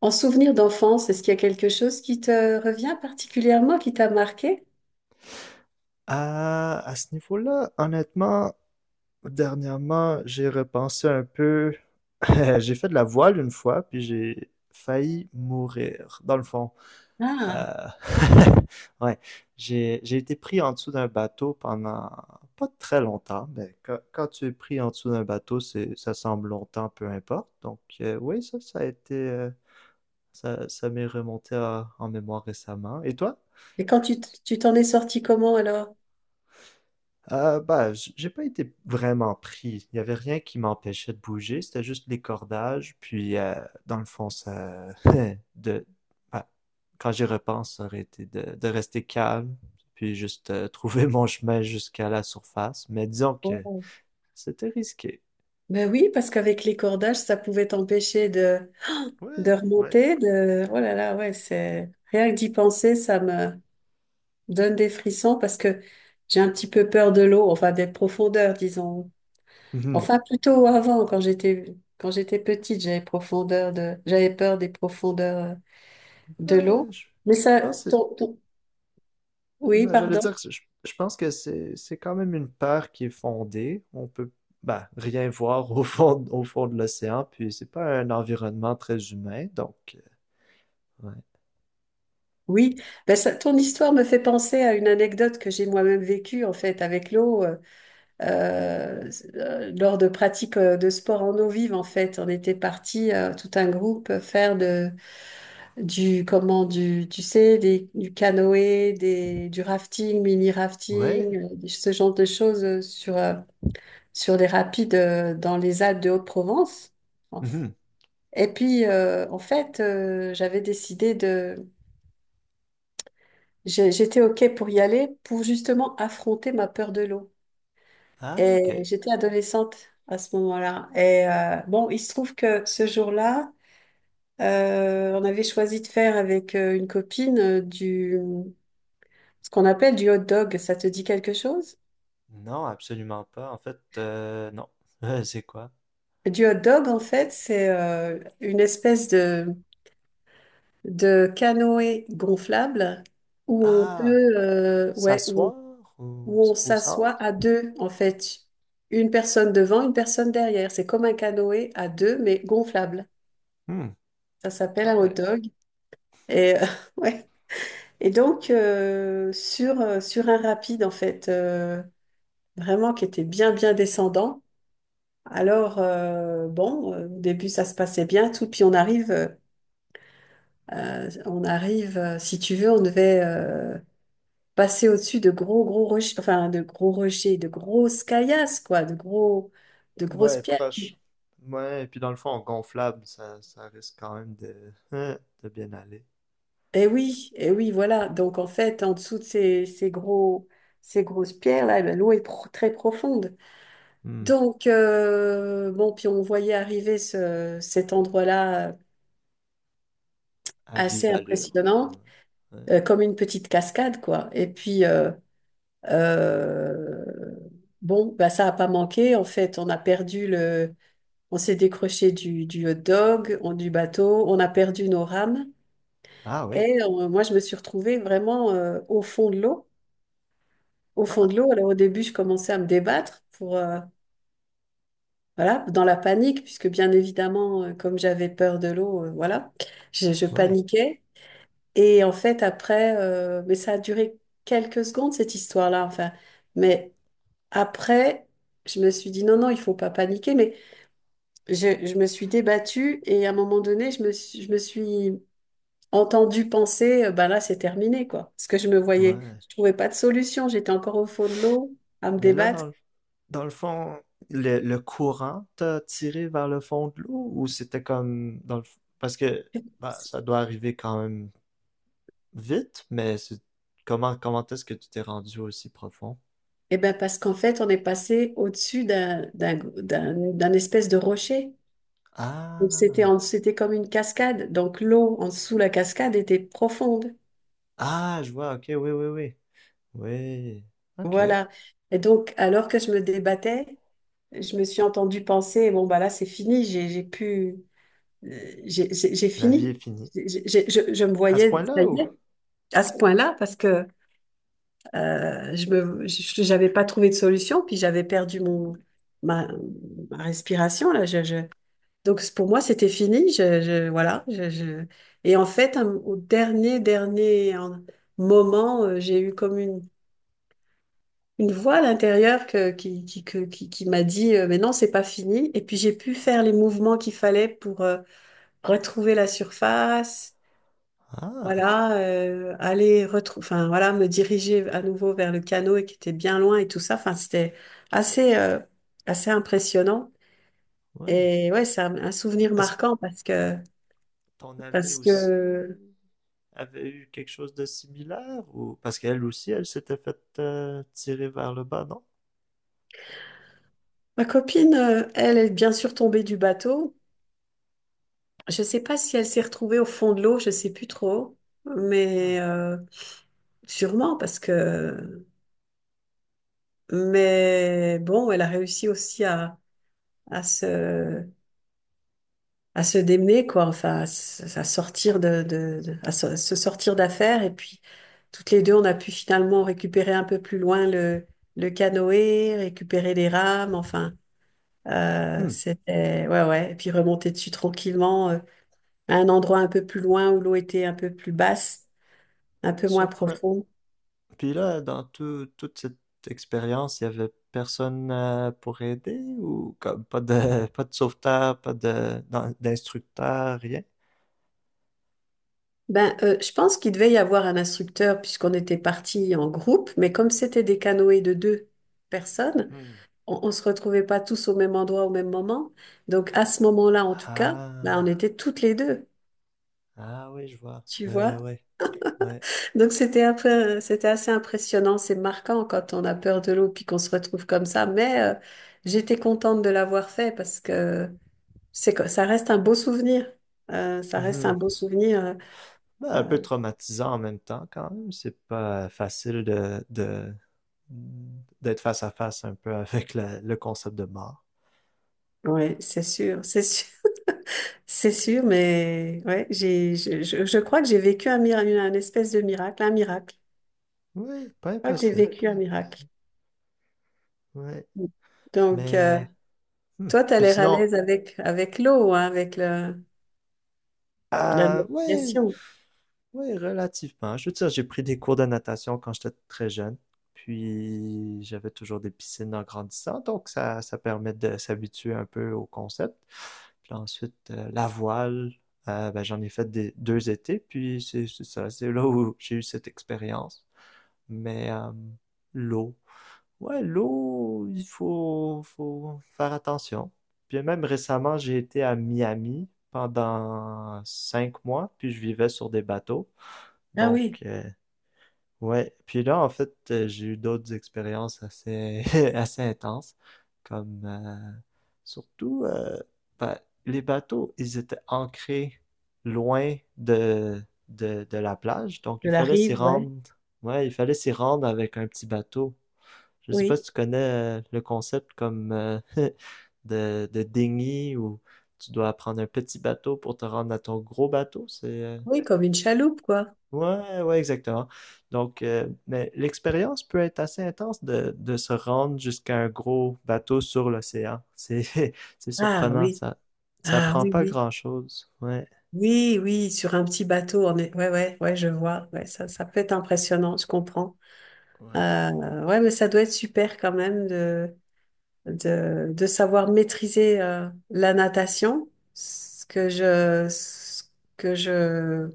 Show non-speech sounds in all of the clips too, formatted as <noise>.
En souvenir d'enfance, est-ce qu'il y a quelque chose qui te revient particulièrement, qui t'a marqué? À ce niveau-là, honnêtement, dernièrement, j'ai repensé un peu. <laughs> J'ai fait de la voile une fois, puis j'ai failli mourir, dans le fond. Ah, Euh, <laughs> Ouais, j'ai été pris en dessous d'un bateau pendant pas très longtemps, mais quand tu es pris en dessous d'un bateau, ça semble longtemps, peu importe. Donc, oui, ça a été, ça m'est en mémoire récemment. Et toi? et quand tu t'en es sorti comment alors? Bah, j'ai pas été vraiment pris. Il y avait rien qui m'empêchait de bouger. C'était juste les cordages. Puis, dans le fond, <laughs> de, bah, quand j'y repense, ça aurait été de rester calme. Puis juste trouver mon chemin jusqu'à la surface. Mais disons que Oh. c'était risqué. Ben oui, parce qu'avec les cordages, ça pouvait t'empêcher de Ouais, ouais. remonter, Oh là là, ouais, Rien que d'y penser, ça me donne des frissons parce que j'ai un petit peu peur de l'eau, enfin des profondeurs, disons. Mhm. Enfin, plutôt avant, quand j'étais petite, j'avais peur des profondeurs de Bah, l'eau. Mais je ça, pense que ton, ton- Oui, Ben, j'allais pardon. dire, je pense que c'est quand même une peur qui est fondée. On peut ben, rien voir au fond de l'océan, puis c'est pas un environnement très humain, donc ouais. Oui, ben ton histoire me fait penser à une anecdote que j'ai moi-même vécue en fait avec l'eau euh, lors de pratiques de sport en eau vive en fait. On était parti tout un groupe faire de du comment du tu sais du canoë, des du rafting, mini Ouais. rafting, ce genre de choses sur les rapides dans les Alpes de Haute-Provence. En f- Mhm. Et puis en fait j'avais décidé de J'ai- J'étais OK pour y aller pour justement affronter ma peur de l'eau. Ah, ok. Et j'étais adolescente à ce moment-là. Et bon, il se trouve que ce jour-là, on avait choisi de faire avec une copine ce qu'on appelle du hot dog. Ça te dit quelque chose? Non, absolument pas. En fait, non. <laughs> C'est quoi? Du hot dog, en fait, c'est une espèce de canoë gonflable, où on Ah, peut, ouais, où s'asseoir au, où on au s'assoit à centre? deux, en fait. Une personne devant, une personne derrière. C'est comme un canoë à deux, mais gonflable. Hmm. Ça s'appelle Ah un hot ouais. dog. Et, <laughs> ouais. Et donc, sur un rapide, en fait, vraiment qui était bien, bien descendant. Alors, bon, au début, ça se passait bien, tout. Puis on arrive, si tu veux, on devait passer au-dessus de gros, gros rochers, enfin, de gros rochers, de grosses caillasses, quoi, de grosses Ouais, pierres. proche. Ouais, et puis dans le fond, gonflable, ça risque quand même de, <laughs> de bien aller. Oui, eh oui, voilà. Donc en fait, en dessous de ces grosses pierres-là, eh ben, l'eau est très profonde. Donc, bon, puis on voyait arriver cet endroit-là À vive assez allure. impressionnant, Ouais. Ouais. Comme une petite cascade, quoi. Et puis, euh, bon, bah, ça n'a pas manqué. En fait, on a perdu le... On s'est décroché du hot dog, du bateau, on a perdu nos rames. Ah oui. Et moi, je me suis retrouvée vraiment au fond de l'eau. Au fond Ah, de l'eau. Alors au début, je commençais à me débattre pour, voilà, dans la panique, puisque bien évidemment, comme j'avais peur de l'eau, voilà, je ouais, paniquais. Et en fait, après, mais ça a duré quelques secondes, cette histoire-là, enfin. Mais après, je me suis dit, non, non, il faut pas paniquer. Mais je me suis débattue et à un moment donné, je me suis entendue penser, ben là, c'est terminé, quoi. Parce que je me voyais, ouais. je trouvais pas de solution. J'étais encore au fond de l'eau à me Mais là, débattre. Dans le fond, le courant t'a tiré vers le fond de l'eau ou c'était comme dans le parce que bah, <laughs> ça doit arriver quand même vite, mais c'est comment est-ce que tu t'es rendu aussi profond? Eh bien, parce qu'en fait, on est passé au-dessus d'un espèce de rocher. Donc, c'était Ah, en- c'était comme une cascade. Donc, l'eau en dessous de la cascade était profonde. ah, je vois. Ok, oui, oui, oui, oui. Ok. Voilà. Et donc, alors que je me débattais, je me suis entendue penser, bon, bah là, c'est fini, j'ai pu, j'ai La vie est fini. finie. Je me À ce voyais, ça point-là y ou? est, à ce point-là, parce que j'avais pas trouvé de solution, puis j'avais perdu ma, ma respiration, là. Donc pour moi, c'était fini. Voilà. Et en fait, au dernier, dernier moment, j'ai eu comme une voix à l'intérieur qui m'a dit, mais non, c'est pas fini. Et puis j'ai pu faire les mouvements qu'il fallait pour retrouver la surface. Ah, Voilà, aller retrouver, enfin voilà, me diriger à nouveau vers le canot et qui était bien loin et tout ça. Enfin, c'était assez, euh, assez impressionnant. ouais. Et ouais, c'est un souvenir Est-ce que marquant. Ton ami Parce aussi que avait eu quelque chose de similaire ou parce qu'elle aussi elle s'était faite tirer vers le bas, non? Ma copine, elle est bien sûr tombée du bateau. Je ne sais pas si elle s'est retrouvée au fond de l'eau, je ne sais plus trop, Hmm. mais sûrement parce que... Mais bon, elle a réussi aussi à se, à se démener, quoi, enfin, à sortir se sortir d'affaire. Et puis, toutes les deux, on a pu finalement récupérer un peu plus loin le canoë, récupérer les rames, enfin, Hmm. Ouais, ouais, et puis remonter dessus tranquillement. À un endroit un peu plus loin où l'eau était un peu plus basse, un peu moins Surprenant. profonde. Puis là, toute cette expérience, il y avait personne pour aider ou comme pas de <laughs> pas de sauveteur, pas de d'instructeur, rien? Ben, je pense qu'il devait y avoir un instructeur puisqu'on était partis en groupe, mais comme c'était des canoës de deux personnes, Hmm. on ne se retrouvait pas tous au même endroit au même moment. Donc à ce moment-là, en tout cas, Ah, ben, on était toutes les deux, ah oui, je vois. tu Ouais, ouais, vois. ouais, ouais. Donc c'était un peu, c'était assez impressionnant, c'est marquant quand on a peur de l'eau puis qu'on se retrouve comme ça. Mais j'étais contente de l'avoir fait parce que C'est que ça reste un beau souvenir. Ça reste un Mhm. beau souvenir. Ben, un euh, peu traumatisant en même temps, quand même. C'est pas facile d'être face à face un peu <laughs> avec le concept de mort. ouais, c'est sûr, <laughs> c'est sûr. Mais ouais, je crois que j'ai vécu un miracle, une espèce de miracle, un miracle. Oui, pas Je crois que j'ai impossible. Pas vécu un miracle. ouais. Donc, Mais, hmm. toi, tu as Puis l'air à sinon, l'aise avec l'eau, hein, avec la ouais. navigation. Oui, relativement. Je veux dire, j'ai pris des cours de natation quand j'étais très jeune. Puis j'avais toujours des piscines en grandissant, donc ça permet de s'habituer un peu au concept. Puis ensuite, la voile, ben, j'en ai fait 2 étés, puis c'est là où j'ai eu cette expérience. Mais l'eau, ouais, l'eau, faut faire attention. Puis même récemment, j'ai été à Miami pendant 5 mois, puis je vivais sur des bateaux. Ah Donc, oui, ouais. Puis là, en fait, j'ai eu d'autres expériences assez, <laughs> assez intenses, comme surtout ben, les bateaux, ils étaient ancrés loin de la plage, donc de il la fallait s'y rive, ouais. rendre. Ouais, il fallait s'y rendre avec un petit bateau. Je sais pas si Oui, tu connais le concept comme <laughs> de dinghy où tu dois prendre un petit bateau pour te rendre à ton gros bateau. Oui, comme une chaloupe, quoi. Ouais, ouais, exactement. Donc, mais l'expérience peut être assez intense de se rendre jusqu'à un gros bateau sur l'océan. C'est, <laughs> c'est Ah surprenant, oui, ça ah prend oui, pas oui. grand-chose. Ouais, Oui, oui, sur un petit bateau, ouais, ouais, ouais, je vois, ouais, ça peut être impressionnant, je comprends. ouais. Ouais, mais ça doit être super quand même de savoir maîtriser la natation, ce que je, ce que je,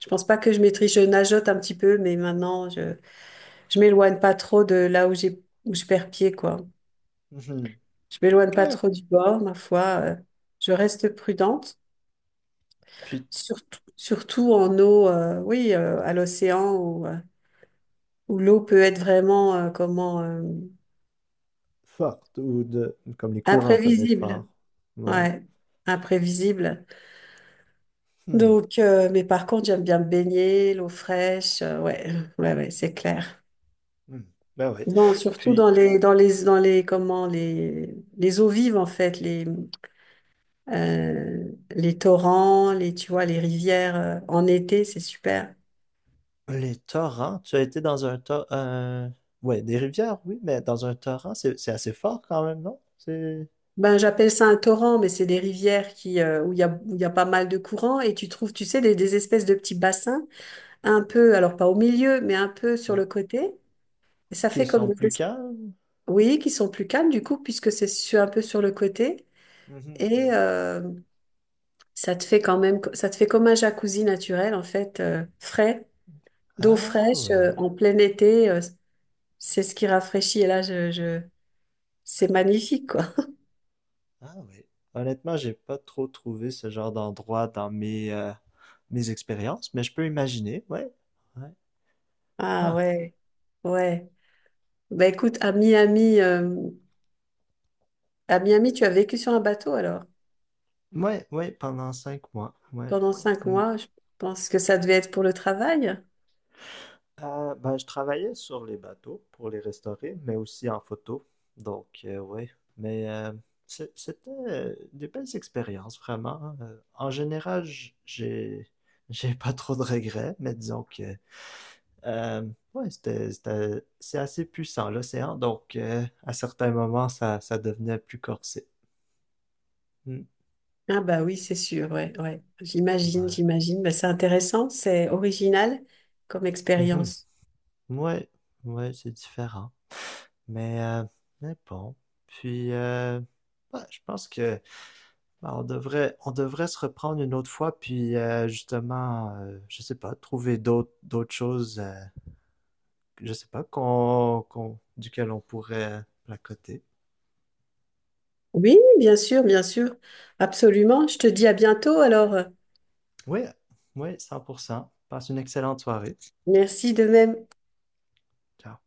je pense pas que je maîtrise, je nageote un petit peu, mais maintenant je m'éloigne pas trop de là où je perds pied, quoi. Mhm. Je m'éloigne pas Ouais. trop du bord, ma foi, je reste prudente. Puis Surtout, surtout en eau, oui, à l'océan où l'eau peut être vraiment comment forte ou de, comme les courants peuvent être forts. imprévisible. Ouais. Ouais, imprévisible. Hmm. Donc, mais par contre, j'aime bien me baigner, l'eau fraîche. Ouais, <laughs> ouais, ouais, c'est clair. Hmm. Ben oui. Non, surtout Puis dans les comment les eaux vives en fait euh, les torrents, les tu vois les rivières en été, c'est super. les torrents, tu as été dans un torrent, ouais, des rivières, oui, mais dans un torrent, c'est assez fort quand même, non? C'est, Ben, j'appelle ça un torrent, mais c'est des rivières où il y a pas mal de courants et tu trouves, tu sais, des espèces de petits bassins, un peu, alors pas au milieu, mais un peu sur ouais, le côté. Et ça fait qui comme sont des plus espèces, calmes. oui, qui sont plus calmes du coup, puisque c'est un peu sur le côté. Mhm, Et mhm. Ça te fait comme un jacuzzi naturel, en fait, frais, d'eau Ah fraîche, ouais, en plein été. C'est ce qui rafraîchit. Et là, c'est magnifique, quoi. ah ouais. Honnêtement, j'ai pas trop trouvé ce genre d'endroit dans mes, mes expériences, mais je peux imaginer, ouais, ouais. Ah Ah. ouais, ouais. Ben écoute, à Miami. À Miami, tu as vécu sur un bateau alors? Ouais, ouais, pendant 5 mois, ouais. Pendant cinq Mm. mois, je pense que ça devait être pour le travail. Ben, je travaillais sur les bateaux pour les restaurer, mais aussi en photo, donc ouais. Mais c'était des belles expériences, vraiment, hein. En général, j'ai pas trop de regrets, mais disons que Euh, ouais, c'est assez puissant l'océan, donc à certains moments, ça devenait plus corsé. Hmm. Ah bah oui, c'est sûr, ouais, ouais. J'imagine, Ouais. j'imagine. Bah, c'est intéressant, c'est original comme Mhm. expérience. Ouais, ouais, c'est différent. Mais, euh, mais bon. Puis, ouais, je pense que bah, on devrait se reprendre une autre fois, puis justement, je sais pas, trouver d'autres choses, je sais pas, duquel on pourrait placoter. Oui, bien sûr, bien sûr. Absolument. Je te dis à bientôt alors. Oui, oui, 100%. Passe une excellente soirée. Merci de même. Ciao.